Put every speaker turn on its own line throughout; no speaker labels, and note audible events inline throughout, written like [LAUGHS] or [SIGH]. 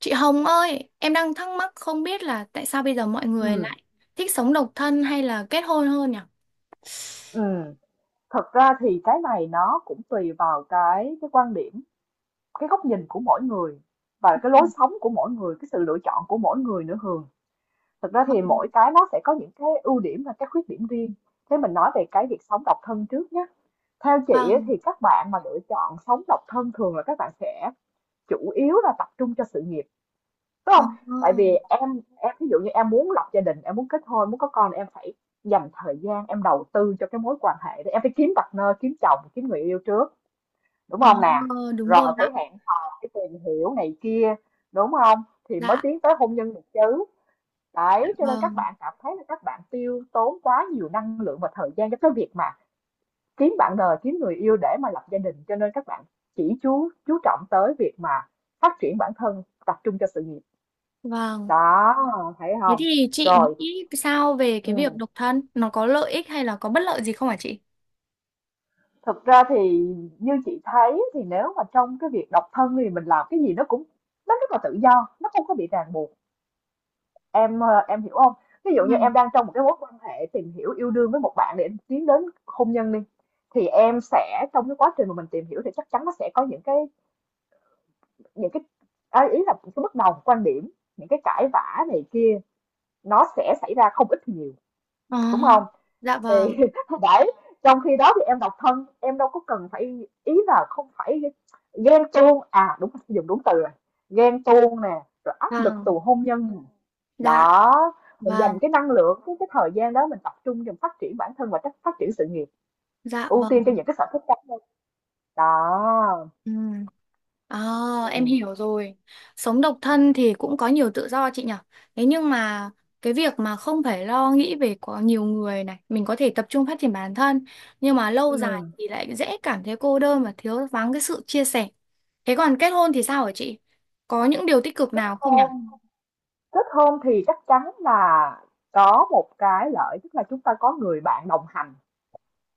Chị Hồng ơi, em đang thắc mắc không biết là tại sao bây giờ mọi người
Ừ,
lại thích sống độc thân hay là kết hôn hơn nhỉ?
ừ. Thật ra thì cái này nó cũng tùy vào cái quan điểm, cái góc nhìn của mỗi người
Ừ,
và cái lối sống của mỗi người, cái sự lựa chọn của mỗi người nữa Hường. Thật ra thì mỗi cái nó sẽ có những cái ưu điểm và cái khuyết điểm riêng. Thế mình nói về cái việc sống độc thân trước nhé. Theo chị ấy,
vâng,
thì các bạn mà lựa chọn sống độc thân thường là các bạn sẽ chủ yếu là tập trung cho sự nghiệp, đúng không? Tại vì
vâng,
em ví dụ như em muốn lập gia đình, em muốn kết hôn, muốn có con thì em phải dành thời gian, em đầu tư cho cái mối quan hệ đó, em phải kiếm partner, kiếm chồng, kiếm người yêu trước, đúng
ờ,
không nè?
ờ, đúng
Rồi
rồi
phải
ạ,
hẹn hò, phải tìm hiểu này kia, đúng không, thì mới
dạ,
tiến tới hôn nhân được chứ. Đấy, cho nên các
vâng,
bạn cảm thấy là các bạn tiêu tốn quá nhiều năng lượng và thời gian cho cái việc mà kiếm bạn đời, kiếm người yêu để mà lập gia đình, cho nên các bạn chỉ chú trọng tới việc mà phát triển bản thân, tập trung cho sự nghiệp.
vâng.
Đó, thấy
Thế
không?
thì chị
Rồi,
nghĩ sao về cái việc
ừ.
độc thân? Nó có lợi ích hay là có bất lợi gì không hả chị?
Thực ra thì như chị thấy thì nếu mà trong cái việc độc thân thì mình làm cái gì nó cũng nó rất là tự do, nó không có bị ràng buộc. Em hiểu không? Ví dụ như
Ừ.
em đang trong một cái mối quan hệ tìm hiểu yêu đương với một bạn để tiến đến hôn nhân đi, thì em sẽ trong cái quá trình mà mình tìm hiểu thì chắc chắn nó sẽ có những cái những cái à, ý là những cái bất đồng quan điểm, những cái cãi vã này kia, nó sẽ xảy ra không ít thì nhiều,
Ờ,
đúng không?
dạ vâng,
Thì [LAUGHS] đấy, trong khi đó thì em độc thân, em đâu có cần phải, ý là không phải ghen tuông à, đúng, dùng đúng từ rồi, ghen tuông nè, rồi áp lực từ
vâng,
hôn nhân.
dạ,
Đó, mình
vâng,
dành cái năng lượng, cái thời gian đó mình tập trung cho phát triển bản thân và phát phát triển sự nghiệp,
dạ
ưu tiên cho
vâng.
những cái sở thích cá nhân. Đó,
Ừ. À, em
ừ.
hiểu rồi. Sống độc thân thì cũng có nhiều tự do chị nhỉ. Thế nhưng mà cái việc mà không phải lo nghĩ về có nhiều người này, mình có thể tập trung phát triển bản thân, nhưng mà lâu dài
Ừ.
thì lại dễ cảm thấy cô đơn và thiếu vắng cái sự chia sẻ. Thế còn kết hôn thì sao hả chị? Có những điều tích cực
Kết
nào không nhỉ?
hôn, kết hôn thì chắc chắn là có một cái lợi, tức là chúng ta có người bạn đồng hành.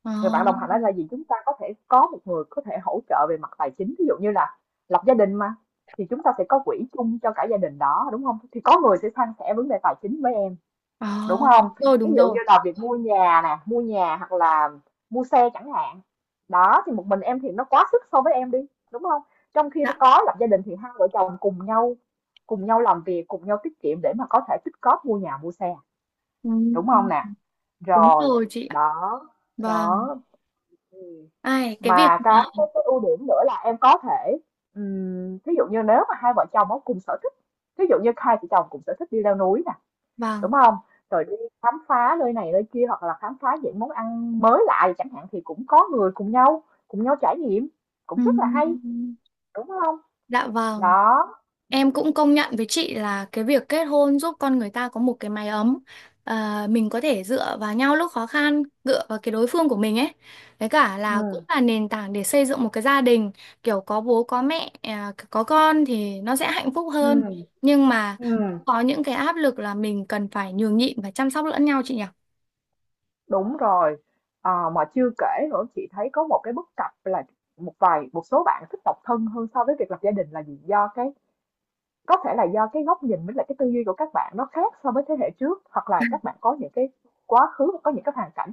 Ờ,
Người bạn đồng hành đó là gì? Chúng ta có thể có một người có thể hỗ trợ về mặt tài chính, ví dụ như là lập gia đình mà, thì chúng ta sẽ có quỹ chung cho cả gia đình đó, đúng không? Thì có người sẽ san sẻ vấn đề tài chính với em,
ờ,
đúng không?
đúng rồi,
Ví
đúng
dụ
rồi.
như là việc mua nhà nè, mua nhà hoặc là mua xe chẳng hạn. Đó, thì một mình em thì nó quá sức so với em đi, đúng không? Trong khi
Dạ.
có lập gia đình thì hai vợ chồng cùng nhau, cùng nhau làm việc, cùng nhau tiết kiệm để mà có thể tích cóp mua nhà, mua xe,
Ừ,
đúng không nè?
đúng
Rồi,
rồi chị ạ.
đó,
Vâng.
đó, ừ,
Ai, cái việc
mà
mà,
cái ưu điểm nữa là em có thể, ví dụ như nếu mà hai vợ chồng có cùng sở thích, ví dụ như hai vợ chồng cùng sở thích đi leo núi nè, đúng
vâng.
không, rồi đi khám phá nơi này nơi kia hoặc là khám phá những món ăn mới lạ chẳng hạn, thì cũng có người cùng nhau, cùng nhau trải nghiệm, cũng
Ừ,
rất là hay, đúng không?
dạ vâng.
Đó,
Em cũng công nhận với chị là cái việc kết hôn giúp con người ta có một cái mái ấm. À, mình có thể dựa vào nhau lúc khó khăn, dựa vào cái đối phương của mình ấy. Với cả là cũng
ừ,
là nền tảng để xây dựng một cái gia đình, kiểu có bố có mẹ, à, có con thì nó sẽ hạnh phúc hơn.
ừ,
Nhưng mà
ừ.
có những cái áp lực là mình cần phải nhường nhịn và chăm sóc lẫn nhau chị nhỉ?
Đúng rồi, à, mà chưa kể nữa chị thấy có một cái bất cập là một số bạn thích độc thân hơn so với việc lập gia đình là gì, do cái, có thể là do cái góc nhìn với lại cái tư duy của các bạn nó khác so với thế hệ trước, hoặc là các bạn có những cái quá khứ, có những cái hoàn cảnh,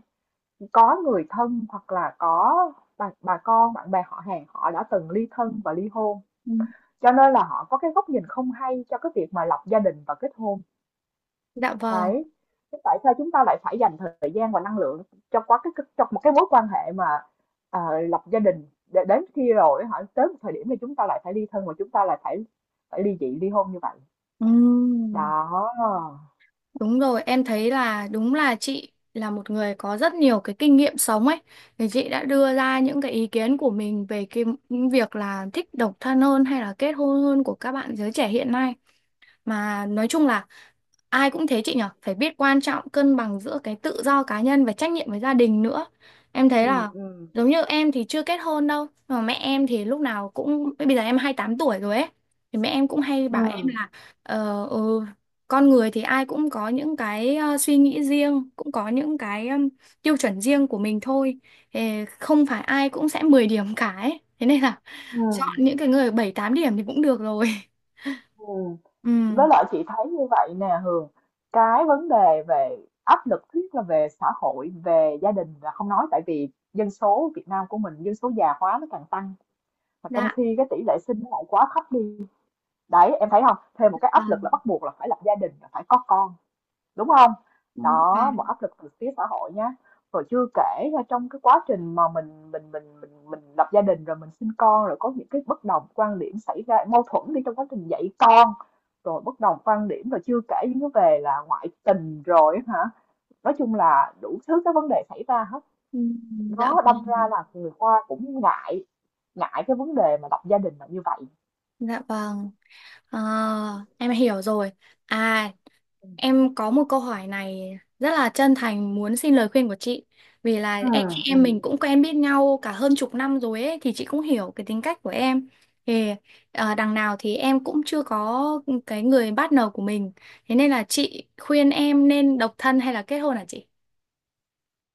có người thân hoặc là có bà con, bạn bè họ hàng họ đã từng ly thân và ly hôn.
Ừ.
Cho nên là họ có cái góc nhìn không hay cho cái việc mà lập gia đình và kết hôn.
Dạ vâng.
Đấy. Thế tại sao chúng ta lại phải dành thời gian và năng lượng cho quá cái, trong một cái mối quan hệ mà, à, lập gia đình, để đến khi rồi họ tới một thời điểm thì chúng ta lại phải ly thân và chúng ta lại phải phải ly dị ly hôn như vậy.
Ừ.
Đó.
Đúng rồi, em thấy là đúng là chị là một người có rất nhiều cái kinh nghiệm sống ấy. Thì chị đã đưa ra những cái ý kiến của mình về cái những việc là thích độc thân hơn hay là kết hôn hơn của các bạn giới trẻ hiện nay. Mà nói chung là ai cũng thế chị nhở, phải biết quan trọng cân bằng giữa cái tự do cá nhân và trách nhiệm với gia đình nữa. Em thấy
Ừm,
là
ừm,
giống như em thì chưa kết hôn đâu, mà mẹ em thì lúc nào cũng bây giờ em 28 tuổi rồi ấy. Thì mẹ em cũng hay bảo em
ừm,
là ờ, ừ, con người thì ai cũng có những cái suy nghĩ riêng, cũng có những cái tiêu chuẩn riêng của mình thôi. Ờ, không phải ai cũng sẽ 10 điểm cả ấy. Thế nên là chọn
ừm,
những cái người 7 8 điểm thì cũng được rồi. [LAUGHS]
ừm.
Ừ,
Với lại chị thấy như vậy nè Hường, cái vấn đề về áp lực thiết là về xã hội, về gia đình là không nói, tại vì dân số Việt Nam của mình, dân số già hóa nó càng tăng mà trong
dạ.
khi cái tỷ lệ sinh nó lại quá thấp đi. Đấy, em thấy không? Thêm một cái
À,
áp lực là bắt buộc là phải lập gia đình, là phải có con, đúng không?
ừ,
Đó,
vâng.
một áp lực từ phía xã hội nhá. Rồi chưa kể là trong cái quá trình mà mình lập gia đình, rồi mình sinh con, rồi có những cái bất đồng quan điểm xảy ra, mâu thuẫn đi, trong quá trình dạy con, rồi bất đồng quan điểm, rồi chưa kể những cái về là ngoại tình rồi hả, nói chung là đủ thứ cái vấn đề xảy ra hết.
Ừ, dạ
Đó, đâm ra
vâng.
là người Hoa cũng ngại, ngại cái vấn đề mà lập gia đình là như vậy.
Dạ vâng. À, em hiểu rồi. À, em có một câu hỏi này rất là chân thành muốn xin lời khuyên của chị. Vì là
Ừ,
em chị
ừ.
em mình cũng quen biết nhau cả hơn chục năm rồi ấy thì chị cũng hiểu cái tính cách của em. Thì đằng nào thì em cũng chưa có cái người partner của mình. Thế nên là chị khuyên em nên độc thân hay là kết hôn hả chị?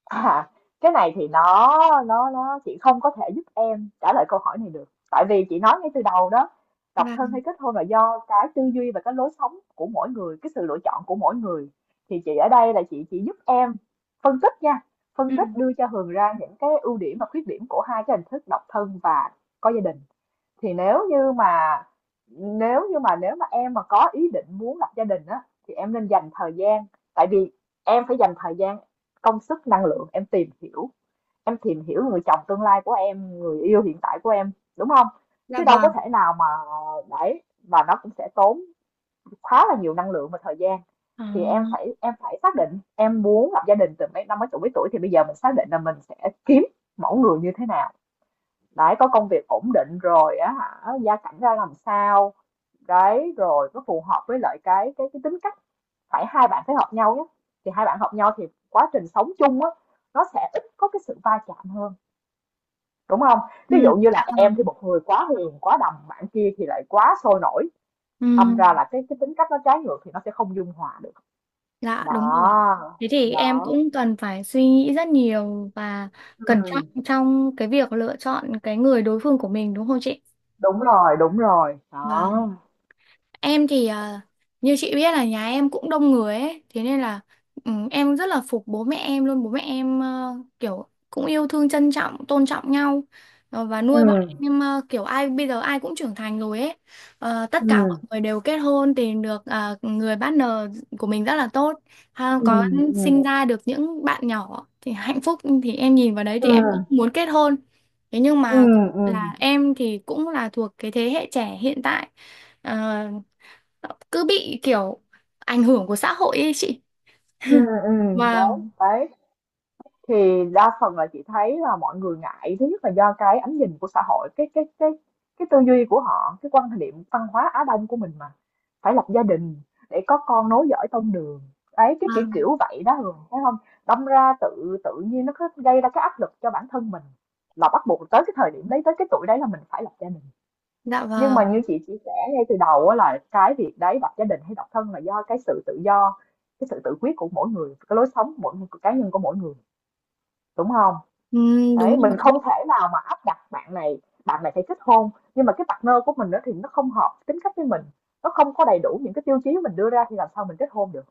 À, cái này thì nó, nó chị không có thể giúp em trả lời câu hỏi này được, tại vì chị nói ngay từ đầu đó, độc thân
Vâng.
hay kết hôn là do cái tư duy và cái lối sống của mỗi người, cái sự lựa chọn của mỗi người. Thì chị ở đây là chị chỉ giúp em phân tích nha,
Ừ.
phân tích đưa cho Hường ra những cái ưu điểm và khuyết điểm của hai cái hình thức độc thân và có gia đình. Thì nếu mà em mà có ý định muốn lập gia đình á, thì em nên dành thời gian, tại vì em phải dành thời gian, công sức, năng lượng em tìm hiểu, em tìm hiểu người chồng tương lai của em, người yêu hiện tại của em, đúng không?
Dạ
Chứ đâu có
vâng.
thể nào mà, đấy, và nó cũng sẽ tốn khá là nhiều năng lượng và thời gian.
Ờ.
Thì em phải xác định em muốn lập gia đình từ mấy năm, mấy tuổi, mấy tuổi thì bây giờ mình xác định là mình sẽ kiếm mẫu người như thế nào. Đấy, có công việc ổn định rồi á hả, gia cảnh ra làm sao, đấy, rồi nó phù hợp với lại cái tính cách, phải hai bạn phải hợp nhau nhé, thì hai bạn hợp nhau thì quá trình sống chung á, nó sẽ ít có cái sự va chạm hơn, đúng không? Ví
Ừ.
dụ như là
Dạ
em
vâng.
thì một người quá hiền, quá đầm, bạn kia thì lại quá sôi nổi,
Ừ.
đâm ra là cái tính cách nó trái ngược thì nó sẽ không dung hòa được.
Dạ đúng rồi.
Đó,
Thế thì em
đó,
cũng cần phải suy nghĩ rất nhiều và cẩn
ừ,
trọng trong cái việc lựa chọn cái người đối phương của mình đúng không chị?
đúng rồi, đúng rồi. Đó,
Vâng. Em thì như chị biết là nhà em cũng đông người ấy, thế nên là em rất là phục bố mẹ em luôn, bố mẹ em kiểu cũng yêu thương trân trọng, tôn trọng nhau và
ừ,
nuôi bọn em kiểu ai bây giờ ai cũng trưởng thành rồi ấy. Ờ, tất
ừ,
cả mọi người đều kết hôn tìm được người partner của mình rất là tốt, ha,
ừ,
có
ừ,
sinh ra được những bạn nhỏ thì hạnh phúc thì em nhìn vào đấy
ừ,
thì em cũng muốn kết hôn. Thế nhưng
ừ,
mà
ừ.
là em thì cũng là thuộc cái thế hệ trẻ hiện tại Ờ, cứ bị kiểu ảnh hưởng của xã hội ấy chị.
Ừ, ừ, đấy,
Vâng,
đấy. Thì đa phần là chị thấy là mọi người ngại, thứ nhất là do cái ánh nhìn của xã hội, cái tư duy của họ, cái quan niệm văn hóa Á Đông của mình mà, phải lập gia đình để có con nối dõi tông đường. Đấy, cái kiểu
vâng,
kiểu vậy đó Hường, thấy không? Đâm ra tự tự nhiên nó có gây ra cái áp lực cho bản thân mình, là bắt buộc tới cái thời điểm đấy, tới cái tuổi đấy là mình phải lập gia đình.
dạ
Nhưng mà
vâng.
như chị chia sẻ ngay từ đầu á, là cái việc đấy, lập gia đình hay độc thân là do cái sự tự do, cái sự tự quyết của mỗi người, cái lối sống của mỗi, của cá nhân của mỗi người, đúng không? Đấy,
Đúng
mình không
rồi.
thể nào mà áp đặt bạn này phải kết hôn, nhưng mà cái partner của mình đó thì nó không hợp tính cách với mình, nó không có đầy đủ những cái tiêu chí mình đưa ra thì làm sao mình kết hôn được?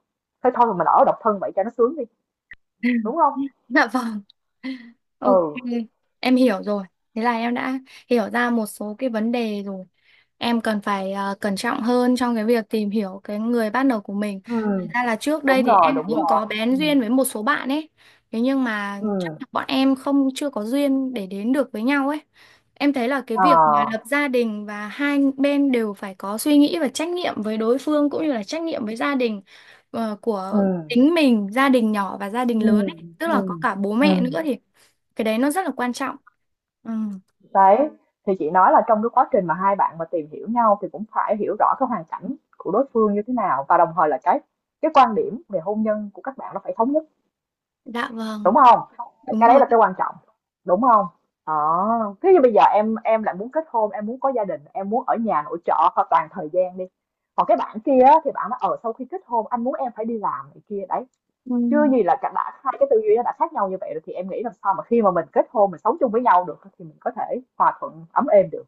Thế thôi mà mình ở độc thân vậy cho nó sướng đi,
[LAUGHS]
đúng không?
Dạ vâng. Ok,
Ừ,
em hiểu rồi. Thế là em đã hiểu ra một số cái vấn đề rồi. Em cần phải cẩn trọng hơn trong cái việc tìm hiểu cái người partner của mình.
ừ,
Thật ra là trước đây thì em
đúng
cũng
rồi,
có
ừ,
bén duyên với một số bạn ấy. Thế nhưng mà
ừ,
chắc là bọn em không chưa có duyên để đến được với nhau ấy. Em thấy là cái việc mà
à,
lập gia đình và hai bên đều phải có suy nghĩ và trách nhiệm với đối phương cũng như là trách nhiệm với gia đình
ừ,
của chính mình, gia đình nhỏ và gia đình
ừ,
lớn ấy. Tức là
ừ,
có cả bố mẹ
ừ.
nữa thì cái đấy nó rất là quan trọng. Ừ,
Đấy, thì chị nói là trong cái quá trình mà hai bạn mà tìm hiểu nhau thì cũng phải hiểu rõ cái hoàn cảnh của đối phương như thế nào, và đồng thời là cái quan điểm về hôn nhân của các bạn nó phải thống nhất,
dạ vâng,
đúng không?
đúng
Cái đấy
rồi.
là cái quan trọng, đúng không? Đó, thế như bây giờ em lại muốn kết hôn, em muốn có gia đình, em muốn ở nhà nội trợ hoặc toàn thời gian đi. Còn cái bạn kia á, thì bạn nói ở sau khi kết hôn anh muốn em phải đi làm này kia đấy.
Ừ,
Chưa gì là cả đã hai cái tư duy nó đã khác nhau như vậy rồi thì em nghĩ làm sao mà khi mà mình kết hôn, mình sống chung với nhau được thì mình có thể hòa thuận ấm êm được.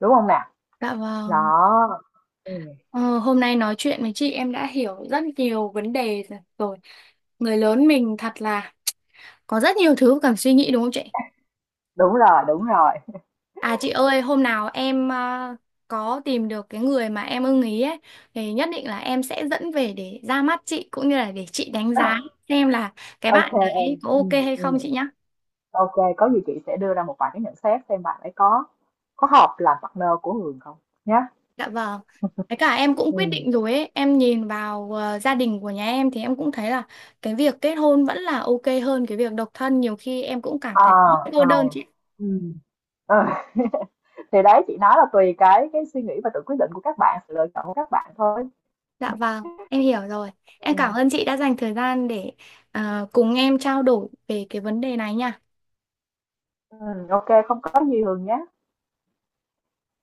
Đúng không nè?
dạ vâng.
Đó, ừm,
Ờ, hôm nay nói chuyện với chị em đã hiểu rất nhiều vấn đề rồi. Người lớn mình thật là có rất nhiều thứ cần suy nghĩ đúng không chị?
đúng rồi, đúng rồi.
À chị ơi, hôm nào em có tìm được cái người mà em ưng ý ấy thì nhất định là em sẽ dẫn về để ra mắt chị cũng như là để chị đánh giá
[LAUGHS]
xem là cái
Ô
bạn
kê em,
đấy có ok hay không chị nhá.
ô, có gì chị sẽ đưa ra một vài cái nhận xét xem bạn ấy có hợp làm partner của Hường không, nhá.
Dạ vâng. Với cả em cũng quyết
Ừm,
định rồi ấy, em nhìn vào gia đình của nhà em thì em cũng thấy là cái việc kết hôn vẫn là ok hơn cái việc độc thân, nhiều khi em cũng cảm
ờ,
thấy cô
ờ,
đơn chị.
ừm, ờ. [LAUGHS] Thì đấy, chị nói là tùy cái suy nghĩ và tự quyết định của các bạn, sự lựa chọn của các bạn thôi.
Dạ vâng, em hiểu rồi. Em cảm
Ừm,
ơn chị đã dành thời gian để cùng em trao đổi về cái vấn đề này nha.
ô, không có gì Hường nhé.